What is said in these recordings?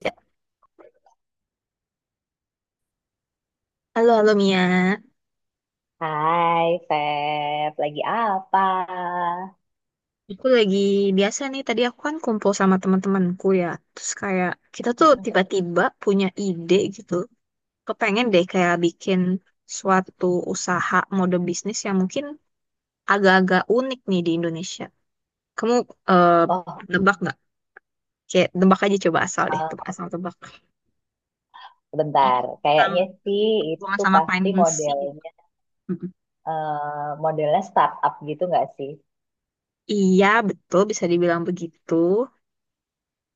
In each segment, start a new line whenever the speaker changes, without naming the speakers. Ya, halo, halo Mia.
Hai, Feb. Lagi apa?
Aku lagi biasa nih, tadi aku kan kumpul sama teman-temanku ya. Terus kayak kita tuh
Mm-mm.
tiba-tiba punya ide gitu. Kepengen deh kayak bikin suatu usaha mode bisnis yang mungkin agak-agak unik nih di Indonesia. Kamu eh
Oh,
nebak nggak? Kayak nebak aja coba asal deh, tebak
eh,
asal tebak. Ini
bentar.
tentang
Kayaknya sih
hubungan
itu
sama
pasti
financing.
modelnya,
Mm-mm.
eh, modelnya startup gitu nggak sih?
Iya, betul bisa dibilang begitu.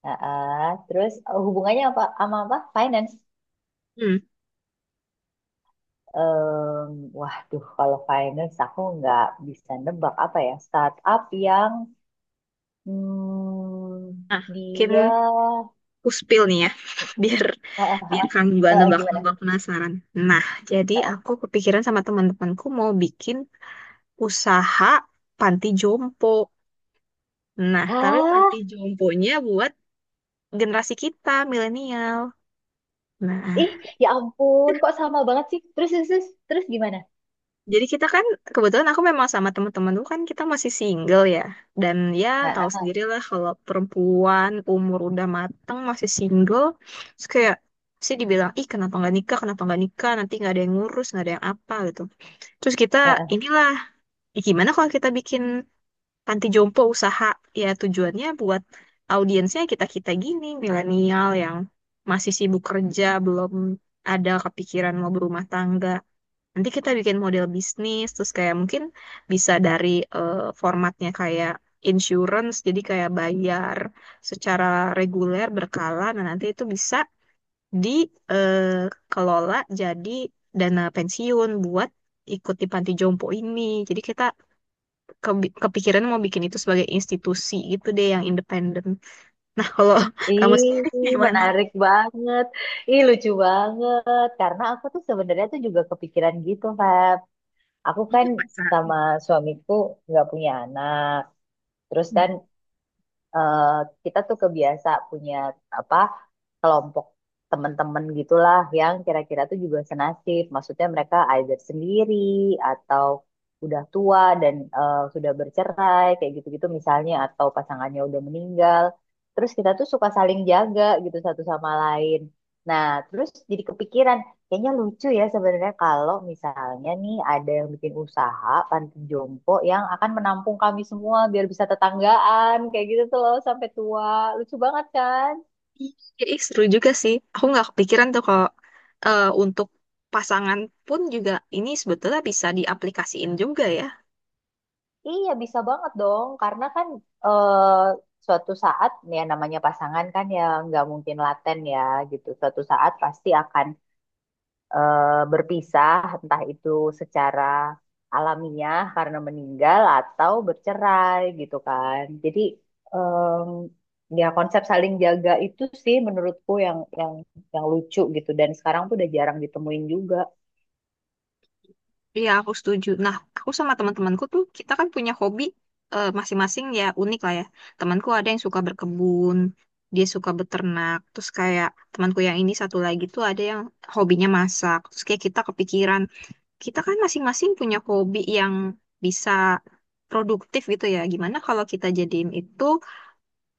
Heeh. Terus hubungannya apa sama apa? Finance.
Hmm.
Waduh, kalau finance aku nggak bisa nebak apa ya. Startup yang hmm,
Nah, mungkin
dia
aku spill nih ya, biar
eh,
biar kamu juga
gimana?
nebak-nebak penasaran. Nah, jadi aku kepikiran sama teman-temanku mau bikin usaha panti jompo. Nah, tapi
Hah?
panti jomponya buat generasi kita, milenial. Nah,
Ih, ya ampun, kok sama banget sih? Terus, terus, terus, terus gimana?
jadi kita kan kebetulan aku memang sama teman-teman dulu kan kita masih single ya. Dan ya tahu
Heeh,
sendirilah kalau perempuan umur udah mateng masih single, terus kayak sih dibilang, ih kenapa nggak nikah, nanti nggak ada yang ngurus, nggak ada yang apa gitu. Terus kita
heeh.
inilah, ya, gimana kalau kita bikin panti jompo usaha? Ya tujuannya buat audiensnya kita-kita gini, milenial yang masih sibuk kerja, belum ada kepikiran mau berumah tangga. Nanti kita bikin model bisnis, terus kayak mungkin bisa dari eh, formatnya kayak insurance, jadi kayak bayar secara reguler, berkala. Nah, nanti itu bisa dikelola jadi dana pensiun buat ikut di panti jompo ini. Jadi kita kepikiran mau bikin itu sebagai institusi gitu deh yang independen. Nah, kalau kamu
Ih,
sendiri gimana?
menarik banget. Ih, lucu banget. Karena aku tuh sebenarnya tuh juga kepikiran gitu, Feb. Aku kan
Mungkin masa.
sama suamiku nggak punya anak. Terus kan eh, kita tuh kebiasa punya apa? Kelompok teman-teman gitulah yang kira-kira tuh juga senasib. Maksudnya mereka either sendiri atau udah tua dan sudah bercerai kayak gitu-gitu misalnya atau pasangannya udah meninggal. Terus kita tuh suka saling jaga gitu satu sama lain. Nah, terus jadi kepikiran, kayaknya lucu ya sebenarnya kalau misalnya nih ada yang bikin usaha panti jompo yang akan menampung kami semua biar bisa tetanggaan kayak gitu tuh loh sampai tua. Lucu banget kan?
Iya, ih, seru juga sih. Aku nggak kepikiran tuh kalau untuk pasangan pun juga ini sebetulnya bisa diaplikasiin juga ya.
Iya, bisa banget dong. Karena kan eh, suatu saat, ya namanya pasangan kan ya nggak mungkin laten ya gitu. Suatu saat pasti akan berpisah, entah itu secara alamiah karena meninggal atau bercerai gitu kan. Jadi ya konsep saling jaga itu sih menurutku yang lucu gitu. Dan sekarang tuh udah jarang ditemuin juga.
Iya, aku setuju. Nah, aku sama teman-temanku tuh kita kan punya hobi masing-masing ya unik lah ya. Temanku ada yang suka berkebun, dia suka beternak. Terus kayak temanku yang ini satu lagi tuh ada yang hobinya masak. Terus kayak kita kepikiran kita kan masing-masing punya hobi yang bisa produktif gitu ya. Gimana kalau kita jadiin itu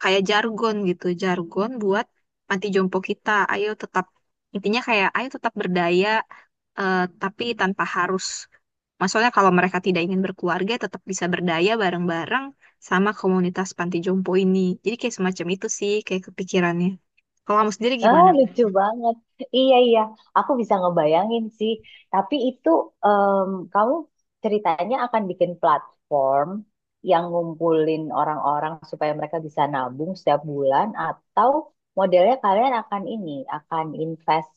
kayak jargon gitu, jargon buat panti jompo kita. Ayo tetap, intinya kayak ayo tetap berdaya, tapi tanpa harus. Maksudnya kalau mereka tidak ingin berkeluarga, tetap bisa berdaya bareng-bareng sama komunitas panti jompo ini. Jadi kayak semacam itu sih, kayak kepikirannya. Kalau kamu sendiri
Ah,
gimana?
lucu banget. Iya, iya. Aku bisa ngebayangin sih. Tapi itu kamu ceritanya akan bikin platform yang ngumpulin orang-orang supaya mereka bisa nabung setiap bulan, atau modelnya kalian akan ini, akan invest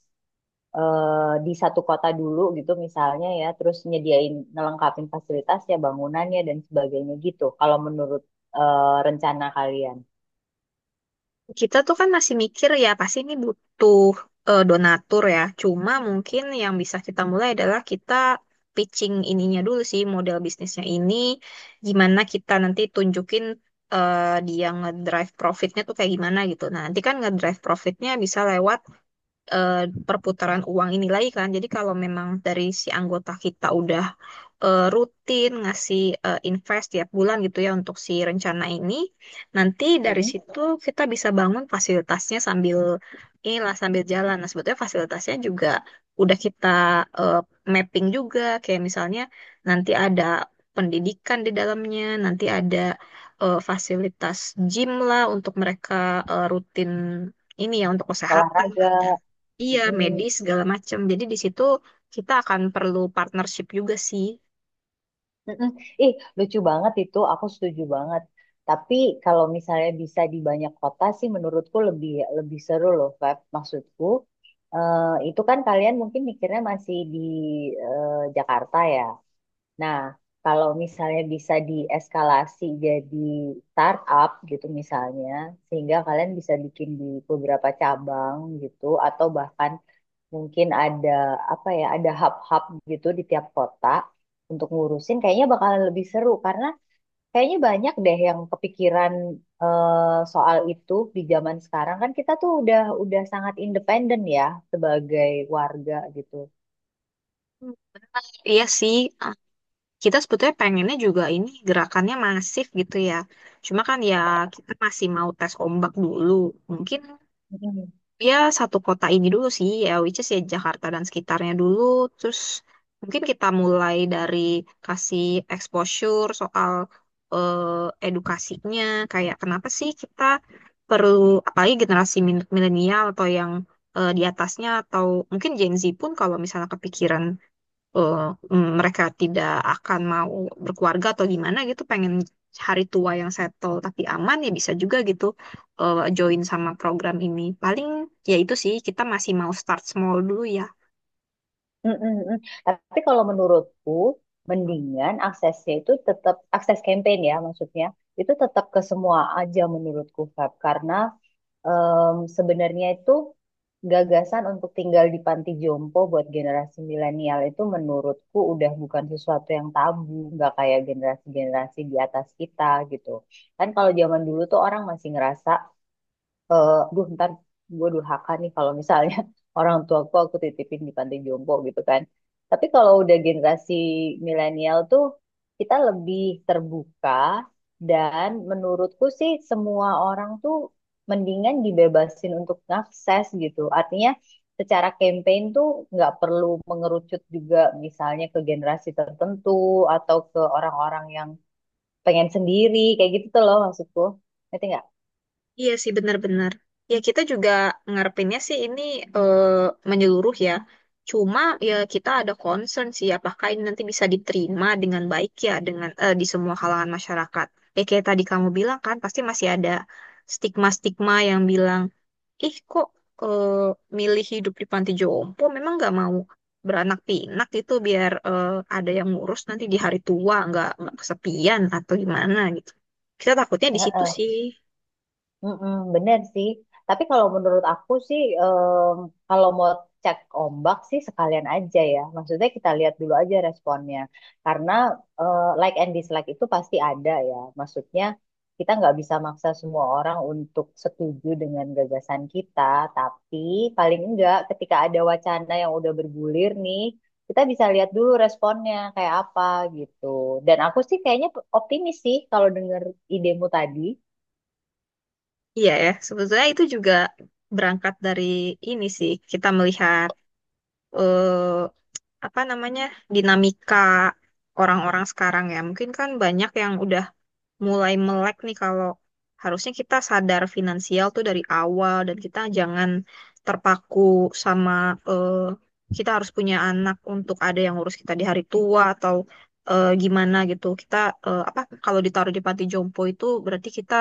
di satu kota dulu gitu misalnya ya, terus nyediain ngelengkapin fasilitasnya, bangunannya dan sebagainya gitu. Kalau menurut eh, rencana kalian.
Kita tuh kan masih mikir ya pasti ini butuh donatur ya. Cuma mungkin yang bisa kita mulai adalah kita pitching ininya dulu sih model bisnisnya ini. Gimana kita nanti tunjukin dia ngedrive profitnya tuh kayak gimana gitu. Nah nanti kan ngedrive profitnya bisa lewat eh, perputaran uang ini lagi kan. Jadi kalau memang dari si anggota kita udah rutin ngasih invest tiap bulan gitu ya untuk si rencana ini, nanti dari
Mm-mm.
situ kita bisa bangun fasilitasnya sambil inilah sambil jalan. Nah, sebetulnya fasilitasnya juga udah kita eh, mapping juga kayak misalnya nanti ada pendidikan di dalamnya, nanti ada fasilitas gym lah untuk mereka rutin ini ya untuk kesehatan.
Olahraga.
Iya,
Mm-mm.
medis segala macam. Jadi di situ kita akan perlu partnership juga sih.
Mm-mm. Ih, lucu banget itu. Aku setuju banget. Tapi kalau misalnya bisa di banyak kota sih menurutku lebih lebih seru loh, Feb. Maksudku, eh, itu kan kalian mungkin mikirnya masih di Jakarta ya. Nah, kalau misalnya bisa dieskalasi jadi startup gitu misalnya, sehingga kalian bisa bikin di beberapa cabang gitu, atau bahkan mungkin ada apa ya ada hub-hub gitu di tiap kota untuk ngurusin kayaknya bakalan lebih seru karena kayaknya banyak deh yang kepikiran eh, soal itu di zaman sekarang kan kita tuh udah sangat independen ya sebagai warga gitu.
Hmm. Iya sih, ah, kita sebetulnya pengennya juga ini gerakannya masif gitu ya. Cuma kan ya kita masih mau tes ombak dulu. Mungkin ya satu kota ini dulu sih ya which is ya Jakarta dan sekitarnya dulu terus mungkin kita mulai dari kasih exposure soal edukasinya kayak kenapa sih kita perlu apalagi generasi milenial atau yang di atasnya atau mungkin Gen Z pun kalau misalnya kepikiran eh, mereka tidak akan mau berkeluarga atau gimana gitu, pengen hari tua yang settle tapi aman ya bisa juga gitu join sama program ini. Paling ya itu sih kita masih mau start small dulu ya.
Mm-mm-mm. Tapi kalau menurutku, mendingan aksesnya itu tetap akses campaign ya maksudnya itu tetap ke semua aja menurutku Feb, karena sebenarnya itu gagasan untuk tinggal di panti jompo buat generasi milenial itu menurutku udah bukan sesuatu yang tabu, nggak kayak generasi-generasi di atas kita gitu kan. Kalau zaman dulu tuh orang masih ngerasa aduh, ntar gue durhaka nih kalau misalnya orang tua tuaku aku titipin di panti jompo gitu kan. Tapi kalau udah generasi milenial tuh kita lebih terbuka, dan menurutku sih semua orang tuh mendingan dibebasin untuk ngakses gitu. Artinya secara campaign tuh nggak perlu mengerucut juga misalnya ke generasi tertentu atau ke orang-orang yang pengen sendiri kayak gitu tuh loh maksudku. Ngerti nggak?
Iya sih benar-benar. Ya kita juga ngarepinnya sih ini eh, menyeluruh ya. Cuma ya kita ada concern sih apakah ini nanti bisa diterima dengan baik ya dengan, di semua kalangan masyarakat. Ya kayak tadi kamu bilang kan pasti masih ada stigma-stigma yang bilang ih kok eh, milih hidup di panti jompo memang nggak mau beranak pinak gitu biar ada yang ngurus nanti di hari tua nggak kesepian atau gimana gitu kita takutnya di situ
Heeh.
sih.
Mm-mm, bener sih. Tapi kalau menurut aku sih, kalau mau cek ombak sih sekalian aja ya. Maksudnya kita lihat dulu aja responnya. Karena like and dislike itu pasti ada ya. Maksudnya kita nggak bisa maksa semua orang untuk setuju dengan gagasan kita. Tapi paling enggak ketika ada wacana yang udah bergulir nih, kita bisa lihat dulu responnya kayak apa gitu. Dan aku sih kayaknya optimis sih kalau denger idemu tadi.
Iya ya sebetulnya itu juga berangkat dari ini sih kita melihat eh, apa namanya dinamika orang-orang sekarang ya mungkin kan banyak yang udah mulai melek nih kalau harusnya kita sadar finansial tuh dari awal dan kita jangan terpaku sama eh, kita harus punya anak untuk ada yang ngurus kita di hari tua atau gimana gitu. Kita apa kalau ditaruh di panti jompo itu berarti kita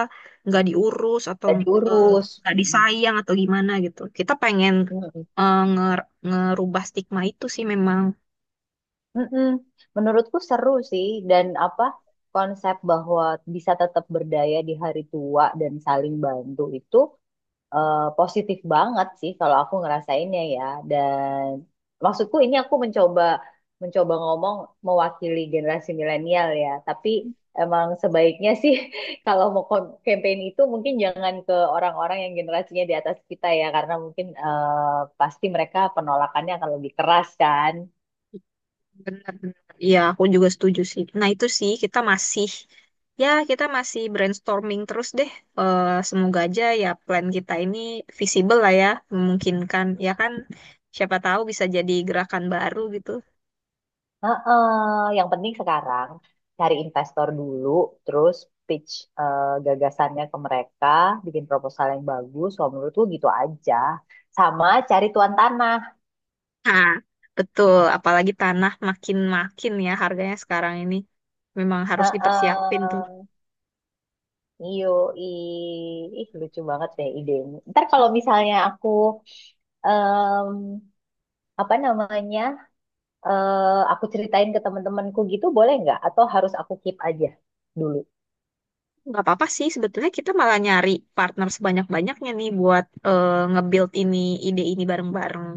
nggak diurus atau
Gak
eh,
diurus.
nggak
Mm.
disayang atau gimana gitu. Kita pengen
Mm-mm.
ngerubah stigma itu sih memang.
mm Menurutku seru sih. Dan apa konsep bahwa bisa tetap berdaya di hari tua dan saling bantu itu positif banget sih kalau aku ngerasainnya ya. Dan maksudku ini aku mencoba mencoba ngomong mewakili generasi milenial ya. Tapi emang sebaiknya sih kalau mau campaign itu mungkin jangan ke orang-orang yang generasinya di atas kita ya, karena mungkin pasti mereka penolakannya akan lebih keras kan.
Benar-benar. Iya, aku juga setuju sih. Nah, itu sih kita masih ya kita masih brainstorming terus deh. Eh, semoga aja ya plan kita ini visible lah ya, memungkinkan. Ya kan, siapa tahu bisa jadi gerakan baru gitu.
Heeh, yang penting sekarang cari investor dulu, terus pitch gagasannya ke mereka, bikin proposal yang bagus. Kalau menurut gue gitu aja. Sama cari tuan tanah.
Nah, betul. Apalagi tanah makin-makin ya harganya sekarang ini. Memang harus dipersiapin tuh.
Heeh. Iyo, ih, lucu banget deh idemu. Ntar kalau misalnya em, apa namanya, aku ceritain ke teman-temanku gitu, boleh nggak? Atau harus aku keep aja dulu?
Nggak apa-apa sih sebetulnya kita malah nyari partner sebanyak-banyaknya nih buat nge-build ini ide ini bareng-bareng.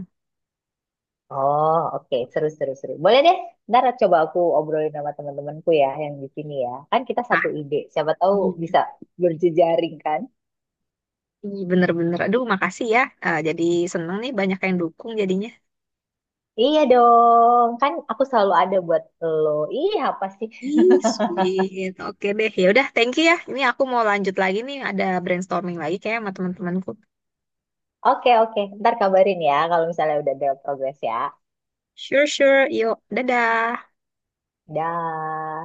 Oh, oke. Seru, seru, seru. Boleh deh, ntar coba aku obrolin sama teman-temanku ya yang di sini ya. Kan kita
Nah,
satu ide, siapa tahu
iya.
bisa berjejaring kan?
Ih, bener-bener. Aduh, makasih ya. Ah, jadi seneng nih banyak yang dukung jadinya.
Iya dong, kan aku selalu ada buat lo. Iya, apa sih?
Ih, sweet. Oke deh. Ya udah, thank you ya. Ini aku mau lanjut lagi nih. Ada brainstorming lagi kayak sama teman-temanku.
Oke, oke. Ntar kabarin ya kalau misalnya udah ada progres ya.
Sure, sure. Yuk, dadah.
Dah.